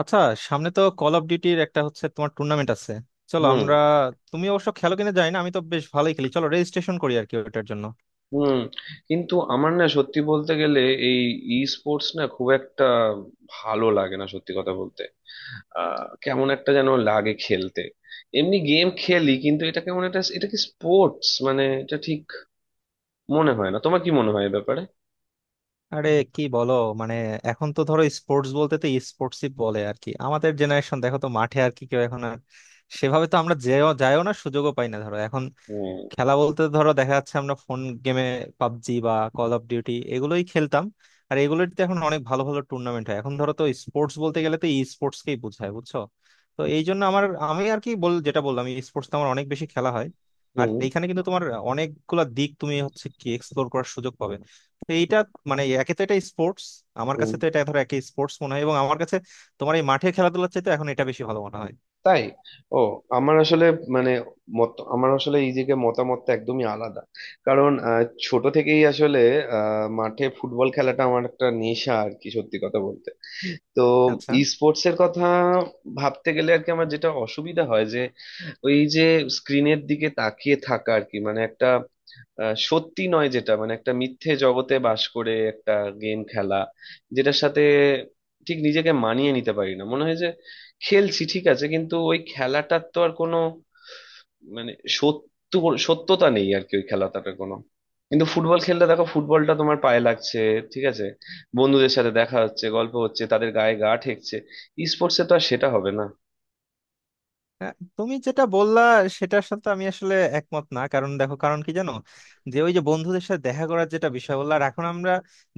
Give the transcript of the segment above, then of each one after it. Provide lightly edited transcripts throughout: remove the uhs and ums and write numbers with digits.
আচ্ছা। সামনে তো কল অফ ডিউটির একটা হচ্ছে, তোমার টুর্নামেন্ট আছে। চলো হুম আমরা, তুমি অবশ্য খেলো কিনা জানি না, আমি তো বেশ ভালোই খেলি। চলো রেজিস্ট্রেশন করি আর কি ওটার জন্য। হুম কিন্তু আমার না সত্যি বলতে গেলে এই ই স্পোর্টস না খুব একটা ভালো লাগে না সত্যি কথা বলতে। কেমন একটা যেন লাগে খেলতে। এমনি গেম খেলি কিন্তু এটা কেমন একটা, এটা কি স্পোর্টস, মানে এটা ঠিক মনে হয় না। তোমার কি মনে হয় এ ব্যাপারে? আরে কি বলো, মানে এখন তো ধরো স্পোর্টস বলতে তো স্পোর্টসই বলে আর কি। আমাদের জেনারেশন দেখো তো মাঠে আর কি কেউ এখন আর সেভাবে তো আমরা যেও যাইও না, সুযোগও পাই না ধরো এখন। হুম খেলা বলতে ধরো দেখা যাচ্ছে আমরা ফোন গেমে পাবজি বা কল অফ ডিউটি এগুলোই খেলতাম। আর এগুলোতে এখন অনেক ভালো ভালো টুর্নামেন্ট হয়, এখন ধরো তো স্পোর্টস বলতে গেলে তো ই স্পোর্টস কেই বোঝায়, বুঝছো? তো এই জন্য আমার, আমি আর কি বল যেটা বললাম, ই স্পোর্টস আমার অনেক বেশি খেলা হয়। আর হুম এইখানে কিন্তু তোমার অনেকগুলা দিক তুমি হচ্ছে কি এক্সপ্লোর করার সুযোগ পাবে। তো এইটা একে তো এটা স্পোর্টস, আমার হুম। কাছে তো এটা ধরো একে স্পোর্টস মনে হয়, এবং আমার কাছে তোমার এই মাঠে খেলাধুলার চাইতে এখন এটা বেশি ভালো মনে হয়। তাই? ও। আমার আসলে মানে আমার আসলে এই দিকে মতামতটা একদমই আলাদা। কারণ ছোট থেকেই আসলে মাঠে ফুটবল খেলাটা আমার একটা নেশা, আর কি সত্যি কথা বলতে। তো আচ্ছা। ই স্পোর্টস এর কথা ভাবতে গেলে আর কি আমার যেটা অসুবিধা হয় যে, ওই যে স্ক্রিনের দিকে তাকিয়ে থাকা আর কি, মানে একটা সত্যি নয় যেটা, মানে একটা মিথ্যে জগতে বাস করে একটা গেম খেলা, যেটার সাথে ঠিক নিজেকে মানিয়ে নিতে পারি না মনে হয়। খেলছি ঠিক আছে, কিন্তু ওই খেলাটার তো আর কোনো, মানে সত্য সত্যতা নেই আর কি ওই খেলাটার কোনো। কিন্তু ফুটবল খেললে দেখো, ফুটবলটা তোমার পায়ে লাগছে, ঠিক আছে, বন্ধুদের সাথে দেখা হচ্ছে, গল্প হচ্ছে, তাদের গায়ে গা ঠেকছে। স্পোর্টসে তো আর সেটা হবে না। হ্যাঁ, তুমি যেটা বললা সেটার সাথে আমি আসলে একমত না। কারণ দেখো, কারণ কি জানো, যে ওই যে বন্ধুদের সাথে দেখা করার যেটা বিষয় বললা, আর এখন আমরা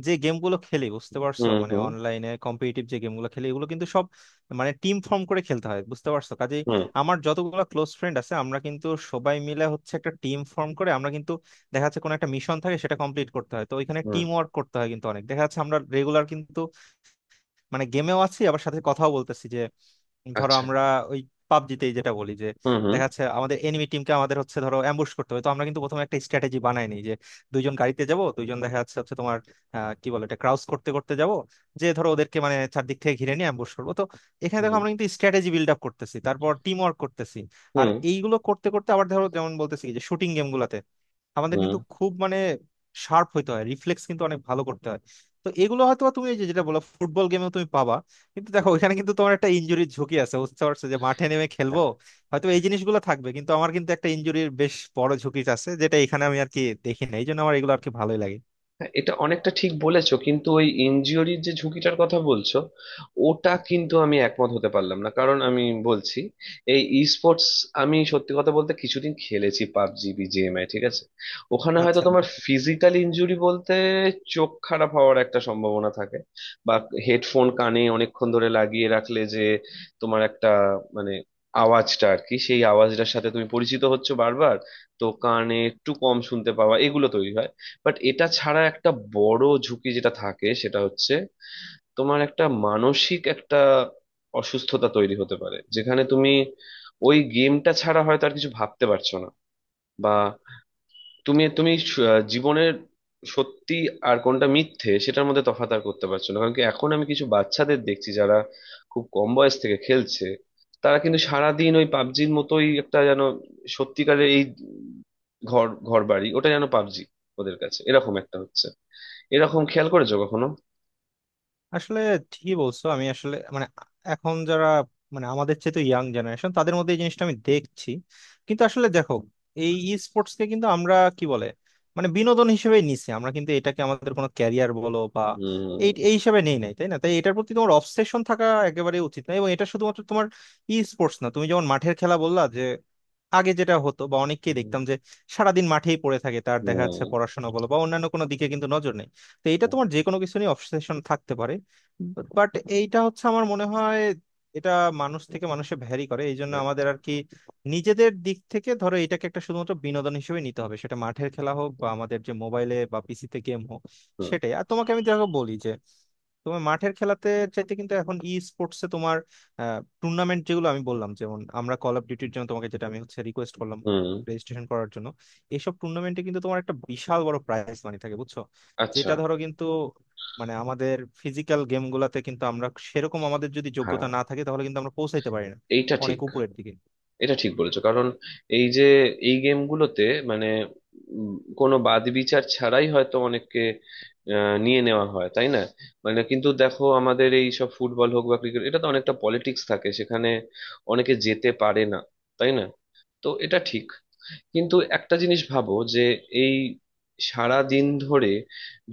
যে গেমগুলো খেলি বুঝতে পারছো, হুম হুম অনলাইনে কম্পিটিটিভ যে গেমগুলো খেলি এগুলো কিন্তু সব টিম ফর্ম করে খেলতে হয়, বুঝতে পারছো? কাজেই হুম আমার যতগুলো ক্লোজ ফ্রেন্ড আছে, আমরা কিন্তু সবাই মিলে হচ্ছে একটা টিম ফর্ম করে আমরা কিন্তু দেখা যাচ্ছে কোনো একটা মিশন থাকে, সেটা কমপ্লিট করতে হয়, তো ওইখানে হুম টিম ওয়ার্ক করতে হয়। কিন্তু অনেক দেখা যাচ্ছে আমরা রেগুলার কিন্তু গেমেও আছি, আবার সাথে কথাও বলতেছি। যে ধরো আচ্ছা আমরা ওই পাবজিতে যেটা বলি যে হুম হুম দেখা যাচ্ছে আমাদের এনিমি টিমকে আমাদের হচ্ছে ধরো অ্যাম্বুশ করতে হবে, তো আমরা কিন্তু প্রথমে একটা স্ট্র্যাটেজি বানাই নি যে দুইজন গাড়িতে যাব, দুইজন দেখা যাচ্ছে হচ্ছে তোমার কি বলে এটা ক্রাউস করতে করতে যাব, যে ধরো ওদেরকে চারদিক থেকে ঘিরে নিয়ে অ্যাম্বুশ করবো। তো এখানে দেখো হুম আমরা কিন্তু স্ট্র্যাটেজি বিল্ড আপ করতেছি, তারপর টিম ওয়ার্ক করতেছি। আর হুম এইগুলো করতে করতে আবার ধরো যেমন বলতেছি যে শুটিং গেম গুলাতে আমাদের হুম কিন্তু খুব শার্প হইতে হয়, রিফ্লেক্স কিন্তু অনেক ভালো করতে হয়। তো এগুলো হয়তো বা তুমি এই যে যেটা বলো ফুটবল গেমেও তুমি পাবা, কিন্তু দেখো হুম ওইখানে কিন্তু তোমার একটা ইনজুরির ঝুঁকি আছে, বুঝতে পারছো? যে মাঠে নেমে খেলবো হ্যাঁ। হয়তো এই জিনিসগুলো থাকবে, কিন্তু আমার কিন্তু একটা ইনজুরির বেশ বড় ঝুঁকি আছে যেটা এখানে আমি আর কি দেখি না, এই জন্য আমার এগুলো আর কি ভালোই লাগে। হ্যাঁ, এটা অনেকটা ঠিক বলেছো, কিন্তু ওই ইনজিওরির যে ঝুঁকিটার কথা বলছো, ওটা কিন্তু আমি একমত হতে পারলাম না। কারণ আমি বলছি এই ই স্পোর্টস, আমি সত্যি কথা বলতে কিছুদিন খেলেছি পাবজি বিজিএমআই, ঠিক আছে। ওখানে হয়তো আচ্ছা। তোমার ফিজিক্যাল ইনজুরি বলতে চোখ খারাপ হওয়ার একটা সম্ভাবনা থাকে, বা হেডফোন কানে অনেকক্ষণ ধরে লাগিয়ে রাখলে যে তোমার একটা, মানে আওয়াজটা আর কি, সেই আওয়াজটার সাথে তুমি পরিচিত হচ্ছো বারবার, তো কানে একটু কম শুনতে পাওয়া, এগুলো তৈরি হয়। বাট এটা ছাড়া একটা বড় ঝুঁকি যেটা থাকে, সেটা হচ্ছে তোমার একটা মানসিক একটা অসুস্থতা তৈরি হতে পারে, যেখানে তুমি ওই গেমটা ছাড়া হয়তো আর কিছু ভাবতে পারছো না। বা তুমি তুমি জীবনের সত্যি আর কোনটা মিথ্যে সেটার মধ্যে তফাৎ আর করতে পারছো না। কারণ কি, এখন আমি কিছু বাচ্চাদের দেখছি যারা খুব কম বয়স থেকে খেলছে, তারা কিন্তু সারাদিন ওই পাবজির মতোই একটা যেন সত্যিকারের এই ঘর ঘর বাড়ি ওটা যেন পাবজি ওদের কাছে, এরকম একটা হচ্ছে। এরকম খেয়াল করেছো কখনো? আসলে ঠিকই বলছো, আমি আসলে এখন যারা আমাদের চেয়ে তো ইয়াং জেনারেশন, তাদের মধ্যে এই জিনিসটা আমি দেখছি। কিন্তু আসলে দেখো, এই ই স্পোর্টস কে কিন্তু আমরা কি বলে বিনোদন হিসেবে নিছি, আমরা কিন্তু এটাকে আমাদের কোনো ক্যারিয়ার বলো বা হুম এই এই হিসেবে নেই নাই, তাই না? তাই এটার প্রতি তোমার অবসেশন থাকা একেবারে উচিত না, এবং এটা শুধুমাত্র তোমার ই স্পোর্টস না, তুমি যেমন মাঠের খেলা বললা, যে আগে যেটা হতো বা অনেককেই হুম দেখতাম যে সারাদিন মাঠেই পড়ে থাকে, তার দেখা যাচ্ছে হুম পড়াশোনা বলো বা অন্যান্য কোনো দিকে কিন্তু নজর নেই। তো এটা তোমার যে কোনো কিছু নিয়ে অবসেশন থাকতে পারে। বাট এইটা হচ্ছে আমার মনে হয় এটা মানুষ থেকে মানুষে ভ্যারি করে। এই জন্য আমাদের আর কি নিজেদের দিক থেকে ধরো এটাকে একটা শুধুমাত্র বিনোদন হিসেবে নিতে হবে, সেটা মাঠের খেলা হোক বা আমাদের যে মোবাইলে বা পিসিতে গেম হোক, হুম সেটাই। আর তোমাকে আমি দেখো বলি যে তোমার মাঠের খেলাতে চাইতে কিন্তু এখন ই স্পোর্টসে তোমার টুর্নামেন্ট যেগুলো আমি বললাম, যেমন আমরা কল অফ ডিউটির জন্য তোমাকে যেটা আমি হচ্ছে রিকোয়েস্ট করলাম হুম, রেজিস্ট্রেশন করার জন্য, এইসব টুর্নামেন্টে কিন্তু তোমার একটা বিশাল বড় প্রাইজ মানি থাকে, বুঝছো? আচ্ছা, যেটা ধরো কিন্তু আমাদের ফিজিক্যাল গেম গুলাতে কিন্তু আমরা সেরকম আমাদের যদি যোগ্যতা হ্যাঁ না থাকে তাহলে কিন্তু আমরা পৌঁছাইতে পারি না এইটা অনেক ঠিক। উপরের দিকে। এটা ঠিক বলেছো, কারণ এই যে এই গেমগুলোতে, মানে উম, কোনো বাদ বিচার ছাড়াই হয়তো অনেককে নিয়ে নেওয়া হয়, তাই না? মানে কিন্তু দেখো, আমাদের এই সব ফুটবল হোক বা ক্রিকেট, এটা তো অনেকটা পলিটিক্স থাকে সেখানে, অনেকে যেতে পারে না, তাই না? তো এটা ঠিক। কিন্তু একটা জিনিস ভাবো যে, এই সারা দিন ধরে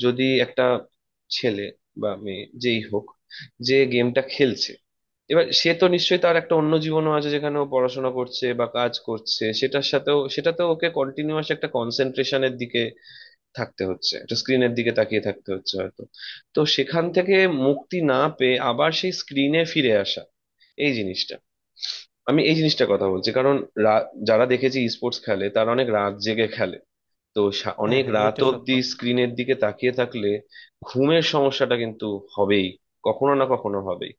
যদি একটা ছেলে বা মেয়ে যেই হোক, যে গেমটা খেলছে, এবার সে তো নিশ্চয়ই তার একটা অন্য জীবনও আছে, যেখানে ও পড়াশোনা করছে বা কাজ করছে, সেটার সাথেও সেটাতেও ওকে কন্টিনিউয়াস একটা কনসেন্ট্রেশনের দিকে থাকতে হচ্ছে, একটা স্ক্রিনের দিকে তাকিয়ে থাকতে হচ্ছে হয়তো। তো সেখান থেকে মুক্তি না পেয়ে আবার সেই স্ক্রিনে ফিরে আসা, এই জিনিসটা, আমি এই জিনিসটার কথা বলছি। কারণ যারা দেখেছি স্পোর্টস খেলে, তারা অনেক রাত জেগে খেলে। তো হ্যাঁ অনেক হ্যাঁ, রাত এটা সত্য। অব্দি স্ক্রিনের দিকে তাকিয়ে থাকলে ঘুমের সমস্যাটা কিন্তু হবেই, কখনো না কখনো হবেই,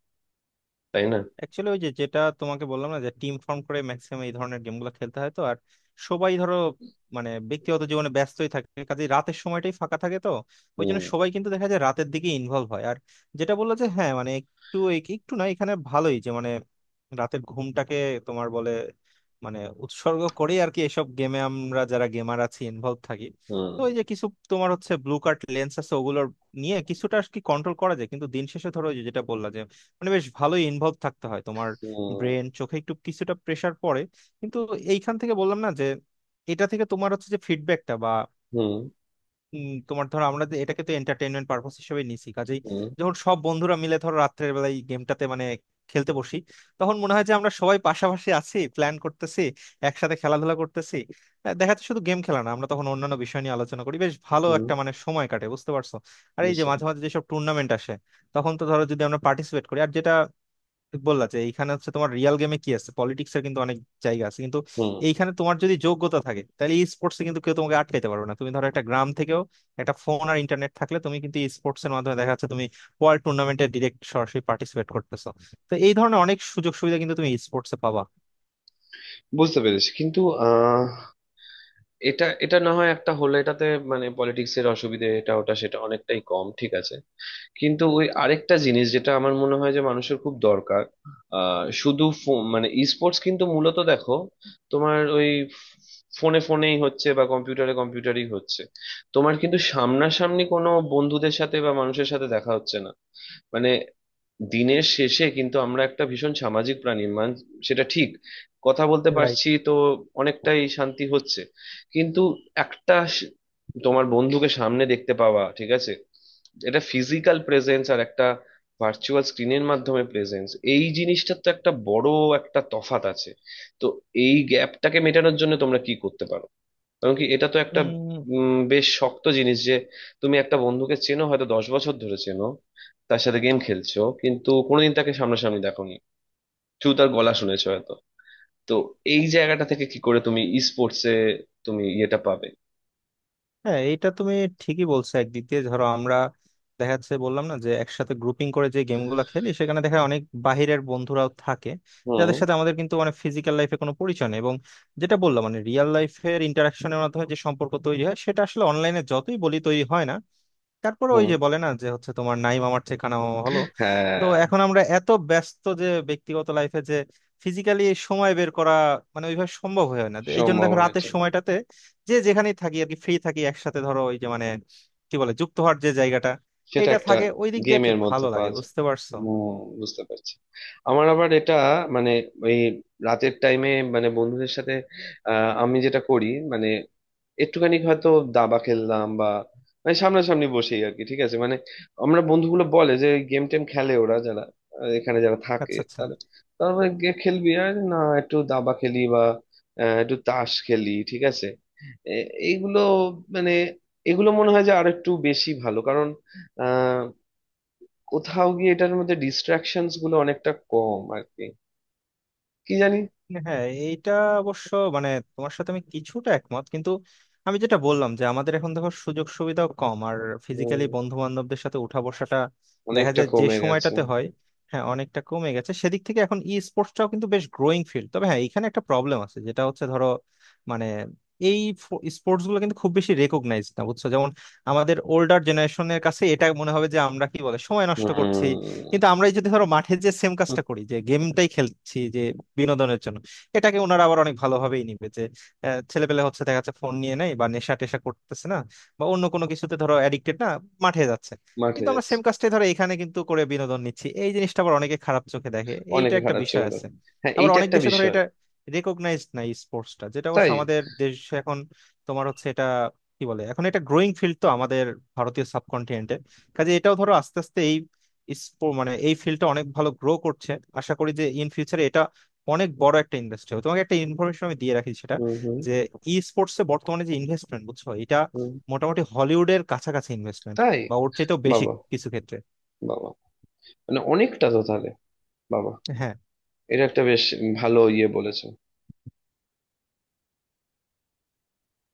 তাই না? অ্যাকচুয়ালি ওই যে যেটা তোমাকে বললাম না, যে টিম ফর্ম করে ম্যাক্সিমাম এই ধরনের গেমগুলো খেলতে হয়, তো আর সবাই ধরো ব্যক্তিগত জীবনে ব্যস্তই থাকে কাজে, রাতের সময়টাই ফাঁকা থাকে, তো ওই জন্য হুম সবাই কিন্তু দেখা যায় রাতের দিকে ইনভলভ হয়। আর যেটা বললো যে হ্যাঁ একটু একটু না, এখানে ভালোই যে রাতের ঘুমটাকে তোমার বলে মানে উৎসর্গ করে আর কি এসব গেমে আমরা যারা গেমার আছি ইনভলভ থাকি। হুম তো ওই যে কিছু তোমার হচ্ছে ব্লু কার্ট লেন্স আছে, ওগুলোর নিয়ে কিছুটা আর কি কন্ট্রোল করা যায়। কিন্তু দিন শেষে ধরো ওই যে যেটা বললাম বেশ ভালোই ইনভলভ থাকতে হয়, তোমার হুম ব্রেন চোখে একটু কিছুটা প্রেসার পড়ে। কিন্তু এইখান থেকে বললাম না যে এটা থেকে তোমার হচ্ছে যে ফিডব্যাকটা বা হুম তোমার ধরো আমরা যে এটাকে তো এন্টারটেইনমেন্ট পারপাস হিসেবে নিছি, কাজেই হুম যখন সব বন্ধুরা মিলে ধরো রাত্রের বেলায় গেমটাতে খেলতে বসি, তখন মনে হয় যে আমরা সবাই পাশাপাশি আছি, প্ল্যান করতেছি, একসাথে খেলাধুলা করতেছি। দেখা যাচ্ছে শুধু গেম খেলা না, আমরা তখন অন্যান্য বিষয় নিয়ে আলোচনা করি, বেশ ভালো হুম একটা সময় কাটে, বুঝতে পারছো? আর এই যে বুঝতে মাঝে মাঝে যেসব টুর্নামেন্ট আসে, তখন তো ধরো যদি আমরা পার্টিসিপেট করি, আর যেটা বললা যে এইখানে হচ্ছে তোমার রিয়েল গেমে কি আছে পলিটিক্স এর কিন্তু অনেক জায়গা আছে, কিন্তু হুম এইখানে তোমার যদি যোগ্যতা থাকে তাহলে ই স্পোর্টসে কিন্তু কেউ তোমাকে আটকাইতে পারবে না। তুমি ধরো একটা গ্রাম থেকেও একটা ফোন আর ইন্টারনেট থাকলে তুমি কিন্তু ই স্পোর্টস এর মাধ্যমে দেখা যাচ্ছে তুমি ওয়ার্ল্ড টুর্নামেন্টে ডিরেক্ট সরাসরি পার্টিসিপেট করতেছো। তো এই ধরনের অনেক সুযোগ সুবিধা কিন্তু তুমি ই স্পোর্টসে পাবা। বুঝতে পেরেছি কিন্তু আহ এটা এটা না হয় একটা হলে এটাতে, মানে পলিটিক্স এর অসুবিধে এটা ওটা সেটা অনেকটাই কম ঠিক আছে। কিন্তু ওই আরেকটা জিনিস যেটা আমার মনে হয় যে মানুষের খুব দরকার, মানে স্পোর্টস কিন্তু মূলত দেখো, তোমার ওই ফোনে ফোনেই হচ্ছে বা কম্পিউটারে কম্পিউটারই হচ্ছে, তোমার কিন্তু সামনাসামনি কোনো বন্ধুদের সাথে বা মানুষের সাথে দেখা হচ্ছে না। মানে দিনের শেষে কিন্তু আমরা একটা ভীষণ সামাজিক প্রাণী সেটা ঠিক, কথা বলতে পারছি তো অনেকটাই শান্তি হচ্ছে। কিন্তু একটা স- তোমার বন্ধুকে সামনে দেখতে পাওয়া ঠিক আছে, এটা ফিজিক্যাল প্রেজেন্স, আর একটা ভার্চুয়াল স্ক্রিনের মাধ্যমে প্রেজেন্স, এই জিনিসটার তো একটা বড় একটা তফাৎ আছে। তো এই গ্যাপটাকে মেটানোর জন্য তোমরা কি করতে পারো? কারণ কি এটা তো একটা রাইট। বেশ শক্ত জিনিস যে, তুমি একটা বন্ধুকে চেনো হয়তো 10 বছর ধরে চেনো, তার সাথে গেম খেলছো কিন্তু কোনোদিন তাকে সামনাসামনি দেখোনি, শুধু তার গলা শুনেছো হয়তো। তো এই জায়গাটা থেকে কি করে তুমি ই স্পোর্টসে, তুমি ইয়েটা পাবে? হ্যাঁ এটা তুমি ঠিকই বলছো। একদিক দিয়ে ধরো আমরা দেখা যাচ্ছে বললাম না যে একসাথে গ্রুপিং করে যে গেমগুলো খেলি, সেখানে দেখা যায় অনেক বাহিরের বন্ধুরাও থাকে যাদের হুম সাথে আমাদের কিন্তু ফিজিক্যাল লাইফে কোনো পরিচয় নেই, এবং যেটা বললাম রিয়েল লাইফের ইন্টারাকশনের মাধ্যমে যে সম্পর্ক তৈরি হয়, সেটা আসলে অনলাইনে যতই বলি তৈরি হয় না। তারপরে ওই হুম যে বলে না যে হচ্ছে তোমার নাইম আমার ঠিকানা মামা হলো। হ্যাঁ। তো এখন আমরা এত ব্যস্ত যে ব্যক্তিগত লাইফে যে ফিজিক্যালি সময় বের করা ওইভাবে সম্ভব হয়ে হয় না। এই জন্য দেখো সম্ভাবনা রাতের এটা, সময়টাতে যে যেখানেই থাকি আর কি ফ্রি থাকি, একসাথে ধরো ওই যে কি বলে যুক্ত হওয়ার যে জায়গাটা, সেটা এটা একটা থাকে ওই দিক দিয়ে আর কি গেমের মধ্যে ভালো লাগে, পাওয়া যায়। বুঝতে পারছো? হুম, বুঝতে পারছি। আমার আবার এটা, মানে ওই রাতের টাইমে, মানে বন্ধুদের সাথে, আমি যেটা করি, মানে একটুখানি হয়তো দাবা খেললাম বা, মানে সামনাসামনি বসেই আর কি, ঠিক আছে। মানে আমরা বন্ধুগুলো বলে যে গেম টেম খেলে ওরা যারা এখানে যারা থাকে আচ্ছা আচ্ছা। তারা, তারপরে খেলবি আর না, একটু দাবা খেলি বা একটু তাস খেলি, ঠিক আছে। এইগুলো, মানে এগুলো মনে হয় যে আর একটু বেশি ভালো কারণ আহ কোথাও গিয়ে এটার মধ্যে ডিস্ট্রাকশনস গুলো অনেকটা কম আর কি, কি জানি। হ্যাঁ এইটা অবশ্য মানে তোমার সাথে আমি কিছুটা একমত। কিন্তু আমি যেটা বললাম যে আমাদের এখন দেখো সুযোগ সুবিধাও কম, আর হুম, ফিজিক্যালি বন্ধু বান্ধবদের সাথে উঠা বসাটা দেখা অনেকটা যায় যে কমে গেছে। সময়টাতে হয়, হ্যাঁ অনেকটা কমে গেছে। সেদিক থেকে এখন ই স্পোর্টসটাও কিন্তু বেশ গ্রোয়িং ফিল্ড। তবে হ্যাঁ এখানে একটা প্রবলেম আছে যেটা হচ্ছে ধরো মানে এই স্পোর্টস গুলো কিন্তু খুব বেশি রেকগনাইজ না, বুঝছো? যেমন আমাদের ওল্ডার জেনারেশনের কাছে এটা মনে হবে যে আমরা কি বলে সময় নষ্ট হুম করছি। কিন্তু আমরাই যদি ধরো মাঠে যে সেম কাজটা করি যে গেমটাই খেলছি যে বিনোদনের জন্য, এটাকে ওনারা আবার অনেক ভালোভাবেই নিবে যে ছেলেপেলে হচ্ছে দেখা যাচ্ছে ফোন নিয়ে নেয় বা নেশা টেশা করতেছে না, বা অন্য কোনো কিছুতে ধরো অ্যাডিক্টেড না, মাঠে যাচ্ছে। মাঠে কিন্তু আমরা যাচ্ছে সেম কাজটাই ধরো এখানে কিন্তু করে বিনোদন নিচ্ছি, এই জিনিসটা আবার অনেকে খারাপ চোখে দেখে, এইটা অনেকে একটা খারাপ বিষয় চোখে আছে। দেখে। হ্যাঁ আবার এইটা অনেক একটা দেশে ধরো বিষয়। এটা রেকগনাইজড না স্পোর্টসটা, যেটা অবশ্য তাই? আমাদের দেশ এখন তোমার হচ্ছে এটা কি বলে এখন এটা গ্রোয়িং ফিল্ড তো আমাদের ভারতীয় সাবকন্টিনেন্টে। কাজে এটাও ধরো আস্তে আস্তে এই মানে এই ফিল্ডটা অনেক ভালো গ্রো করছে। আশা করি যে ইন ফিউচারে এটা অনেক বড় একটা ইন্ডাস্ট্রি হবে। তোমাকে একটা ইনফরমেশন আমি দিয়ে রাখি সেটা, হুম হুম যে ই স্পোর্টস এ বর্তমানে যে ইনভেস্টমেন্ট বুঝছো, এটা হুম। মোটামুটি হলিউডের কাছাকাছি ইনভেস্টমেন্ট তাই? বা ওর চাইতেও বেশি বাবা। কিছু ক্ষেত্রে। বাবা, মানে অনেকটা তো তাহলে। বাবা, হ্যাঁ এটা একটা বেশ ভালো ইয়ে বলেছে।